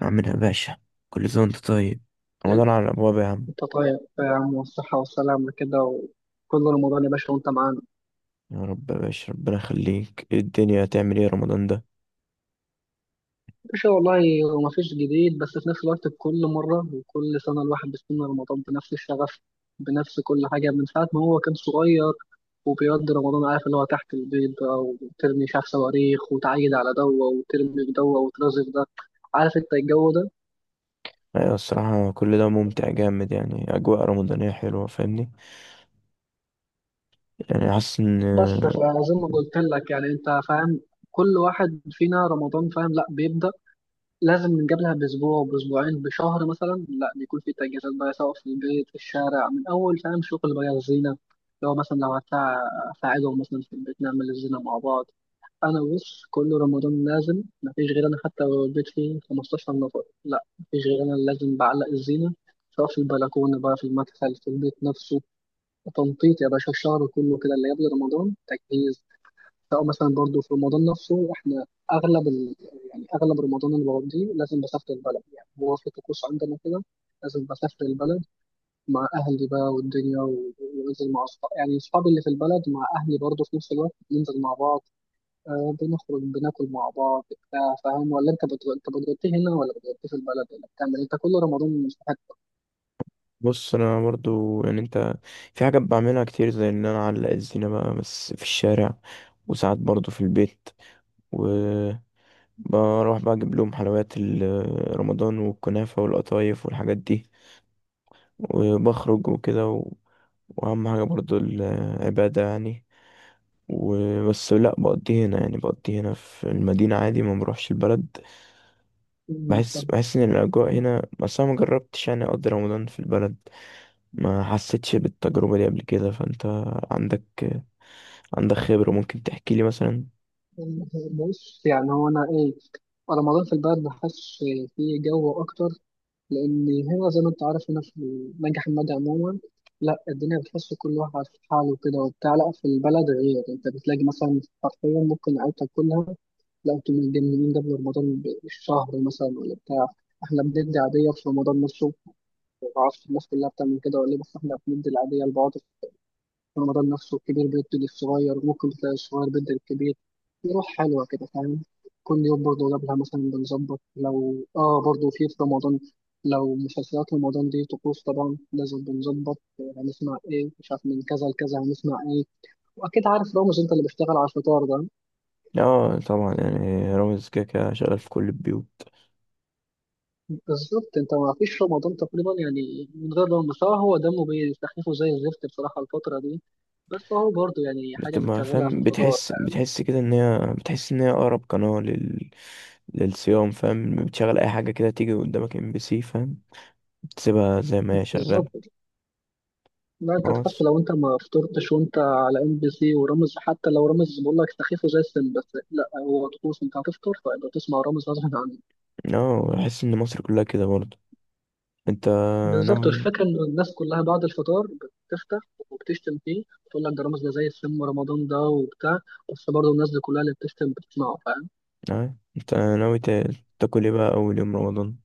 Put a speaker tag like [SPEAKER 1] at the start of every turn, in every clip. [SPEAKER 1] عامل يا باشا؟ كل سنة وانت طيب. رمضان
[SPEAKER 2] يلا،
[SPEAKER 1] على الأبواب يا عم.
[SPEAKER 2] انت طيب يا عم والصحة والسلامة كده، وكل رمضان يا باشا وانت معانا.
[SPEAKER 1] يا رب يا باشا، ربنا يخليك. ايه الدنيا، هتعمل ايه رمضان ده؟
[SPEAKER 2] يا باشا والله هو مفيش جديد، بس في نفس الوقت كل مرة وكل سنة الواحد بيستنى رمضان بنفس الشغف، بنفس كل حاجة من ساعة ما هو كان صغير. وبيقضي رمضان، عارف اللي هو تحت البيض بقى وترمي شاف صواريخ وتعيد على دوة وترمي في دوة وترازف ده، عارف انت الجو ده.
[SPEAKER 1] أيوة، الصراحة كل ده ممتع جامد، يعني أجواء رمضانية حلوة، فاهمني؟ يعني حاسس إن،
[SPEAKER 2] بس فزي ما قلت لك يعني انت فاهم، كل واحد فينا رمضان فاهم لا بيبدأ، لازم من قبلها بأسبوع بأسبوعين بشهر مثلا، لا بيكون في تجهيزات بقى، سواء في البيت في الشارع، من أول فاهم شغل بقى الزينة. لو مثلا لو أساعدهم مثلا في البيت نعمل الزينة مع بعض. أنا بص، كل رمضان لازم مفيش غير أنا، حتى لو البيت فيه 15 نفر، لا مفيش غير أنا اللي لازم بعلق الزينة، سواء في البلكونة بقى، في المدخل، في البيت نفسه. تنطيط يا باشا، الشهر كله كده اللي قبل رمضان تجهيز. او مثلا برضو في رمضان نفسه احنا اغلب ال... يعني اغلب رمضان اللي بقضيه لازم بسافر البلد، يعني هو في طقوس عندنا كده، لازم بسافر البلد مع اهلي بقى والدنيا وانزل مع اصحابي، يعني اصحابي اللي في البلد مع اهلي برضو في نفس الوقت بننزل مع بعض. آه، بنخرج بناكل مع بعض بتاع، فاهم؟ ولا انت انت بتغطي هنا ولا بتغطي في البلد ولا بتعمل إيه؟ انت كل رمضان مش في حته.
[SPEAKER 1] بص أنا برضو يعني أنت، في حاجات بعملها كتير زي إن أنا أعلق الزينة بقى بس في الشارع، وساعات برضو في البيت، و بروح بقى أجيب لهم حلويات رمضان والكنافة والقطايف والحاجات دي، وبخرج وكده. واهم حاجه برضو العباده يعني. وبس لا بقضي هنا، يعني بقضي هنا في المدينه عادي، ما بروحش البلد.
[SPEAKER 2] أمم،
[SPEAKER 1] بحس
[SPEAKER 2] فاهم.
[SPEAKER 1] بحس ان الاجواء هنا، بس انا ما جربتش يعني اقضي رمضان في البلد، ما حسيتش بالتجربه دي قبل كده. فانت عندك عندك خبره، ممكن تحكي لي مثلا.
[SPEAKER 2] بص يعني هو انا ايه، رمضان في البلد بحس فيه جو اكتر، لأن هنا زي ما أنت عارف هنا في نجح حمادي عموما. لا الدنيا بتحس كل واحد في حاله كده وبتاع، لا في البلد غير أنت بتلاقي مثلا حرفيا ممكن عيلتك كلها، لا أنتوا متجننين قبل رمضان بشهر مثلا ولا بتاع. إحنا بندي عادية في رمضان نفسه، معرفش الناس كلها بتعمل كده ولا إيه، بس إحنا بندي العادية لبعض. رمضان نفسه الكبير بيدي للصغير وممكن تلاقي الصغير بيدي للكبير، في روح حلوة كده فاهم. كل يوم برضه قبلها مثلا بنظبط، لو برضه في رمضان، لو مسلسلات رمضان دي طقوس طبعا لازم بنظبط، هنسمع ايه مش عارف، من كذا لكذا هنسمع ايه. واكيد عارف رامز انت اللي بيشتغل على الفطار ده.
[SPEAKER 1] اه طبعا، يعني رامز كده كده شغال في كل البيوت.
[SPEAKER 2] بالظبط، انت ما فيش رمضان تقريبا يعني من غير رامز، هو دمه بيستخفه زي الزفت بصراحة الفترة دي، بس هو برضه يعني حاجة
[SPEAKER 1] بتبقى
[SPEAKER 2] بتشغلها في
[SPEAKER 1] فاهم،
[SPEAKER 2] الفطار،
[SPEAKER 1] بتحس
[SPEAKER 2] فاهم؟
[SPEAKER 1] بتحس كده ان هي بتحس ان هي اقرب قناه للصيام، فاهم؟ بتشغل اي حاجه كده تيجي قدامك ام بي سي، فاهم؟ تسيبها زي ما هي شغالة.
[SPEAKER 2] بالظبط، لا انت تحس
[SPEAKER 1] خلاص.
[SPEAKER 2] لو انت ما فطرتش وانت على ام بي سي ورامز، حتى لو رامز بقول لك سخيفه زي السن، بس لا هو طقوس، انت هتفطر فيبقى تسمع رامز غصب عنك.
[SPEAKER 1] اه، احس ان مصر كلها كده برضه. انت
[SPEAKER 2] بالظبط،
[SPEAKER 1] ناوي،
[SPEAKER 2] الفكره ان الناس كلها بعد الفطار بتفتح وبتشتم فيه، بتقول لك ده رامز ده زي السم ورمضان ده وبتاع، بس برضه الناس دي كلها اللي بتشتم بتسمعه فاهم.
[SPEAKER 1] اه انت ناوي تا- تاكل ايه بقى اول يوم رمضان؟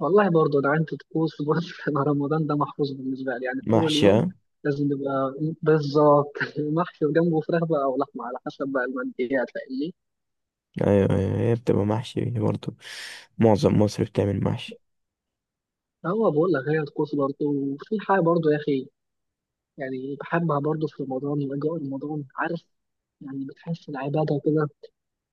[SPEAKER 2] والله برضه ده عندي طقوس برضه مع رمضان، ده محفوظ بالنسبه لي يعني، في اول
[SPEAKER 1] محشي، اه.
[SPEAKER 2] يوم لازم يبقى بالظبط محشي، وجنبه فراخ بقى او لحمه على حسب بقى، المنديات فاهمني.
[SPEAKER 1] ايوه ايوه، هي بتبقى محشي برضه، معظم مصر بتعمل محشي.
[SPEAKER 2] هو بقول لك هي الطقوس برضه، وفي حاجة برضه يا أخي، يعني بحبها برضه في رمضان وأجواء رمضان، عارف، يعني بتحس العبادة كده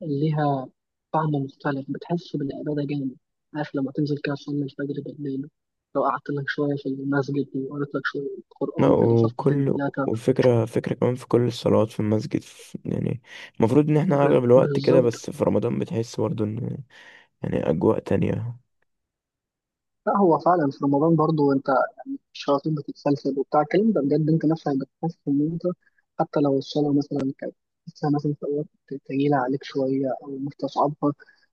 [SPEAKER 2] ليها طعم مختلف، بتحس بالعبادة جامد، عارف لما تنزل كده تصلي الفجر بالليل، لو قعدت لك شوية في المسجد وقريت لك شوية
[SPEAKER 1] لا،
[SPEAKER 2] قرآن كده صفحتين
[SPEAKER 1] وكل،
[SPEAKER 2] تلاتة.
[SPEAKER 1] وفكرة فكرة كمان في كل الصلوات في المسجد، في يعني المفروض ان احنا اغلب الوقت كده،
[SPEAKER 2] بالظبط،
[SPEAKER 1] بس في رمضان بتحس برضه ان، يعني اجواء تانية.
[SPEAKER 2] لا هو فعلا في رمضان برضه أنت الشياطين بتتسلسل وبتاع الكلام ده بجد، انت نفسك بتحس ان انت حتى لو الصلاة مثلا كانت لسه مثلا في أوقات تقيلة عليك شوية أو مستصعبها،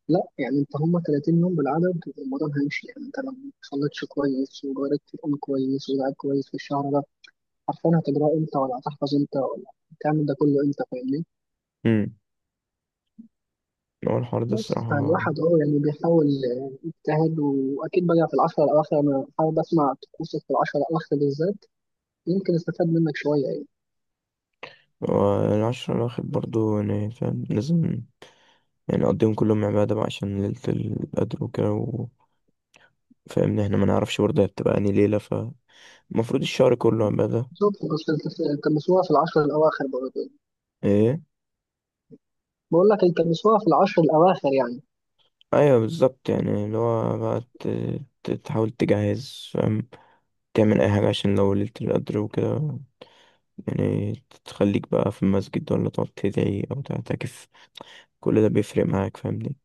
[SPEAKER 2] لا يعني انت هما 30 يوم بالعدد والموضوع هيمشي، يعني انت لو ما صليتش كويس وجربت تقوم كويس ودعيت كويس في الشهر ده، عارفين هتجراه امتى ولا هتحفظ امتى ولا هتعمل ده كله امتى، فاهمني.
[SPEAKER 1] امم هو الحوار ده
[SPEAKER 2] بس
[SPEAKER 1] الصراحة.
[SPEAKER 2] فالواحد يعني بيحاول يجتهد، واكيد بقى في العشرة الاواخر انا حابب اسمع طقوسك في العشرة الاواخر بالذات، يمكن استفاد منك شوية يعني.
[SPEAKER 1] والعشرة الواحد برضه يعني فاهم، لازم يعني نقضيهم كلهم عبادة بقى عشان ليلة القدر وكده و، فاهمني؟ احنا ما نعرفش برضه هي بتبقى انهي ليلة، فالمفروض الشهر كله عبادة.
[SPEAKER 2] بالظبط، بس التمسوها في العشر الأواخر برضه يعني.
[SPEAKER 1] ايه؟
[SPEAKER 2] بقول لك التمسوها في العشر الأواخر يعني.
[SPEAKER 1] ايوه بالظبط، يعني اللي هو بقى تحاول تجهز، فاهم؟ تعمل اي حاجة عشان لو ليلة القدر وكده، يعني تخليك بقى في المسجد، ولا تقعد تدعي او تعتكف، كل ده بيفرق معاك فاهمني.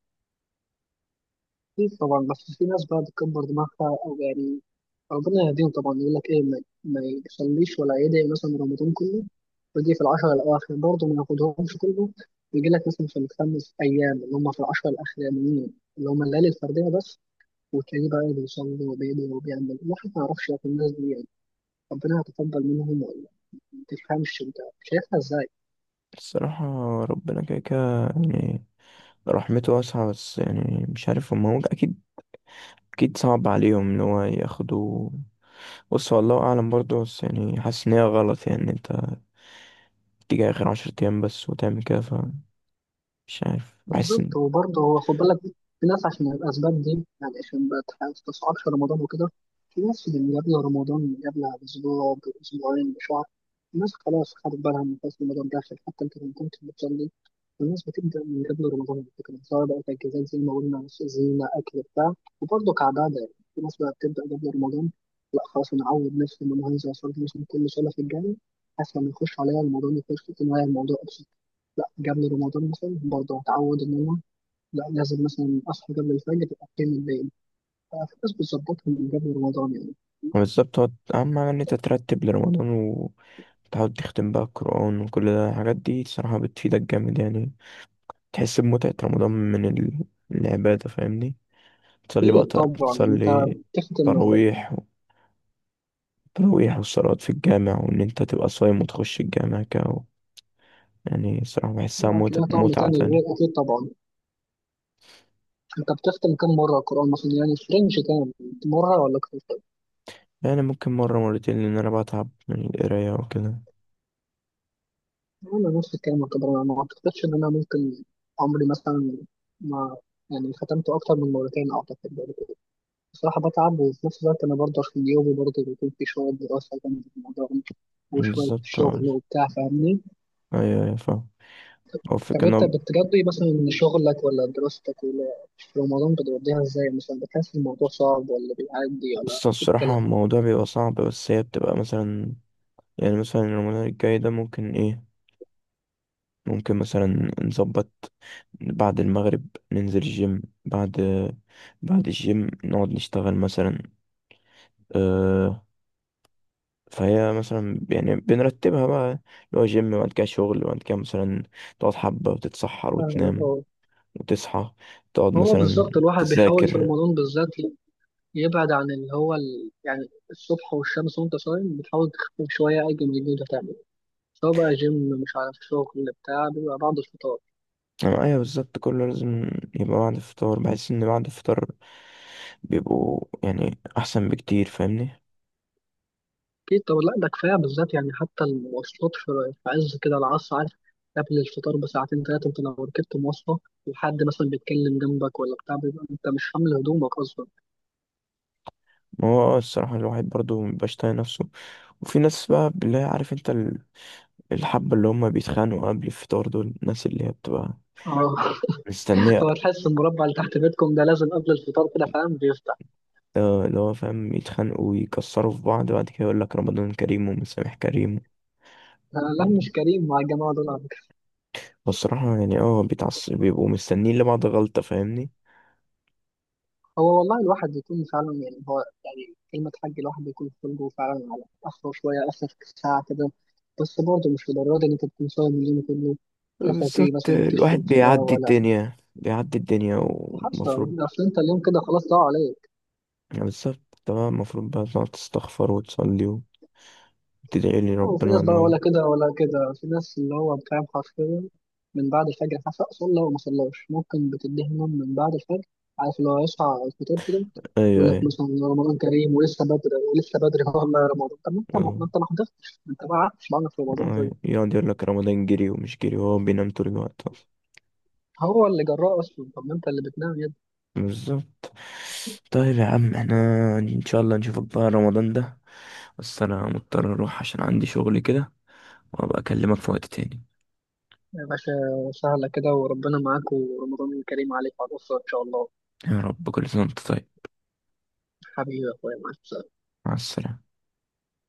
[SPEAKER 2] أكيد طبعا، بس في ناس بقى بتكبر دماغها أو يعني ربنا يهديهم طبعا، يقول لك إيه ما يصليش ولا يدعي مثلا رمضان كله، ويجي في العشر الأواخر برضه ما ياخدهمش كله، يجي لك مثلا في الخمس أيام اللي هم في العشر الأخرانيين اللي هم الليالي الفردية بس، وتلاقيه بقى بيصلي وبيدعي وبيعمل. الواحد ما يعرفش في الناس دي يعني، ربنا هيتقبل منهم ولا ما تفهمش أنت، شايفها إزاي؟
[SPEAKER 1] الصراحة ربنا كده كده يعني رحمته واسعة، بس يعني مش عارف هما، هو أكيد، أكيد صعب عليهم إن هو ياخدوا. بص هو الله اعلم برضه، بس يعني حاسس ان هي غلط، يعني إن انت تيجي اخر عشر ايام بس وتعمل كده، فمش عارف، بحس ان،
[SPEAKER 2] بالظبط، وبرضه هو خد بالك في ناس عشان الأسباب دي، يعني عشان ما تستصعبش رمضان وكده، في ناس اللي قبل رمضان قبل بأسبوع بأسبوعين بشهر الناس خلاص خدت بالها، من خلاص رمضان داخل حتى أنت لو كنت بتصلي، الناس بتبدأ من قبل رمضان على فكرة، سواء بقى تجهيزات زي ما قلنا زينة أكل بتاع، وبرضه كعبادة يعني في ناس بقى بتبدأ قبل رمضان، لا خلاص أنا أعود نفسي إن أنا هنزل أصلي مثلا كل صلاة في الجامع، أحسن ما يخش عليا رمضان يخش في النهاية الموضوع. لا قبل رمضان مثلا برضه اتعود ان انا، لا لازم مثلا اصحى قبل الفجر اقيم الليل، ففي ناس بتظبطهم من قبل رمضان يعني.
[SPEAKER 1] هو بالظبط، هو اهم حاجه ان انت ترتب لرمضان، وتحاول تختم بقى القران وكل ده. الحاجات دي الصراحه بتفيدك جامد يعني، تحس بمتعه رمضان من العباده، فاهمني؟ تصلي بقى،
[SPEAKER 2] اكيد طبعا انت
[SPEAKER 1] تصلي
[SPEAKER 2] بتختم،
[SPEAKER 1] تراويح، تراويح والصلوات في الجامع، وان انت تبقى صايم وتخش الجامع كده. يعني الصراحه بحسها
[SPEAKER 2] هتلاقيها طعم
[SPEAKER 1] متعه
[SPEAKER 2] تاني غير،
[SPEAKER 1] تانية.
[SPEAKER 2] اكيد طبعا. انت بتختم كم مره القران مثلا يعني؟ في رينج تاني، مره ولا اكتر؟
[SPEAKER 1] يعني ممكن مرة مرتين، لأن أنا بتعب من القراية وكده.
[SPEAKER 2] انا نفس الكلام يعتبر، انا ما اعتقدش ان انا ممكن عمري مثلا ما يعني ختمته اكتر من مرتين، اعتقد بصراحة بتعب، وفي نفس الوقت أنا برضه في يومي برضه بيكون في شوية دراسة جنب الموضوع ده، وشوية
[SPEAKER 1] بالظبط اه.
[SPEAKER 2] شغل وبتاع فاهمني؟
[SPEAKER 1] ايوه ايوه فاهم. هو
[SPEAKER 2] طب
[SPEAKER 1] الفكرة ان هو،
[SPEAKER 2] أنت بتقضي مثلا شغلك ولا دراستك ولا، في رمضان بتقضيها إزاي مثلا؟ بتحس الموضوع صعب ولا بيعدي ولا
[SPEAKER 1] بس
[SPEAKER 2] إيه
[SPEAKER 1] الصراحة
[SPEAKER 2] الكلام؟
[SPEAKER 1] الموضوع بيبقى صعب، بس هي بتبقى مثلا، يعني مثلا رمضان الجاي ده ممكن ايه، ممكن مثلا نظبط بعد المغرب ننزل الجيم، بعد بعد الجيم نقعد نشتغل مثلا. أه، فهي مثلا يعني بنرتبها بقى، اللي هو جيم وبعد كده شغل وبعد كده مثلا تقعد حبة وتتسحر
[SPEAKER 2] فاهمك
[SPEAKER 1] وتنام،
[SPEAKER 2] أه.
[SPEAKER 1] وتصحى تقعد
[SPEAKER 2] هو
[SPEAKER 1] مثلا
[SPEAKER 2] بالظبط الواحد بيحاول في
[SPEAKER 1] تذاكر.
[SPEAKER 2] رمضان بالذات يبعد عن اللي هو يعني الصبح والشمس، وأنت صايم بتحاول تخفف شوية أي جنب اللي أنت تعمله، سواء بقى جيم مش عارف شغل بتاع، بيبقى بعد الفطار.
[SPEAKER 1] آه، ايوه بالظبط كله لازم يبقى بعد الفطار. بحس ان بعد الفطار بيبقوا يعني احسن بكتير، فاهمني؟
[SPEAKER 2] أكيد، طب لا ده كفاية بالذات يعني، حتى المواصلات في عز كده العصر، عارف، قبل الفطار بساعتين تلاتة أنت لو ركبت مواصلة وحد مثلا بيتكلم جنبك ولا بتاع، بيبقى أنت مش حامل هدومك أصلا.
[SPEAKER 1] ما هو آه، الصراحه الواحد برضو مبيبقاش طايق نفسه. وفي ناس بقى اللي هي عارف انت الحبه اللي هم بيتخانقوا قبل الفطار، دول الناس اللي هي بتبقى
[SPEAKER 2] أه
[SPEAKER 1] مستنيه.
[SPEAKER 2] هو تحس المربع اللي تحت بيتكم ده لازم قبل الفطار كده فاهم بيفتح.
[SPEAKER 1] آه، اللي هو فاهم يتخانقوا ويكسروا في بعض، بعد كده يقول لك رمضان كريم ومسامح كريم.
[SPEAKER 2] آه، لا
[SPEAKER 1] يعني
[SPEAKER 2] مش كريم مع الجماعة دول على فكرة.
[SPEAKER 1] والصراحه يعني اه بيتعصب، بيبقوا مستنيين لبعض غلطه، فاهمني؟
[SPEAKER 2] هو والله الواحد يكون فعلا يعني، هو يعني كلمة حاج الواحد بيكون خلقه فعلا على آخره شوية، آخر ساعة كده، بس برضه مش لدرجة إن أنت تكون صايم اليوم كله،
[SPEAKER 1] آه،
[SPEAKER 2] لا فاكر
[SPEAKER 1] بالظبط.
[SPEAKER 2] مثلا
[SPEAKER 1] آه، الواحد
[SPEAKER 2] تشتم في ده
[SPEAKER 1] بيعدي
[SPEAKER 2] ولا
[SPEAKER 1] الدنيا، بيعدي الدنيا
[SPEAKER 2] حتى،
[SPEAKER 1] ومفروض
[SPEAKER 2] اصل انت اليوم كده خلاص ضاع عليك.
[SPEAKER 1] يعني بالظبط، طبعا المفروض بقى تقعد تستغفر وتصلي وتدعي لي
[SPEAKER 2] وفي
[SPEAKER 1] ربنا
[SPEAKER 2] ناس
[SPEAKER 1] ان
[SPEAKER 2] بقى
[SPEAKER 1] هو.
[SPEAKER 2] ولا كده ولا كده، في ناس اللي هو بتعمل حرفيا من بعد الفجر حتى صلى وما صلاش، ممكن بتديه نوم من بعد الفجر، عارف لو يصحى على الفطور كده
[SPEAKER 1] ايوه
[SPEAKER 2] يقول لك
[SPEAKER 1] ايوه
[SPEAKER 2] مثلا رمضان كريم ولسه بدري ولسه بدري والله يا رمضان، طب ما انت
[SPEAKER 1] اه.
[SPEAKER 2] ما انت ما حضرتش، ما انت ما قعدتش معانا في رمضان،
[SPEAKER 1] أيوة.
[SPEAKER 2] طيب.
[SPEAKER 1] يقعد يقول لك رمضان جري ومش جري، وهو بينام طول الوقت اصلا.
[SPEAKER 2] هو اللي جراه اصلا، طب ما انت اللي بتنام يا ابني.
[SPEAKER 1] بالظبط. طيب يا عم، احنا ان شاء الله نشوفك بقى رمضان ده، بس انا مضطر اروح عشان عندي شغل كده، وابقى اكلمك في وقت تاني.
[SPEAKER 2] يا باشا، سهله كده وربنا معاك، ورمضان كريم عليك وعلى الاسره ان شاء الله.
[SPEAKER 1] يا رب، كل سنة وانت طيب.
[SPEAKER 2] حبيبي يا اخويا، مع السلامه.
[SPEAKER 1] مع السلامة.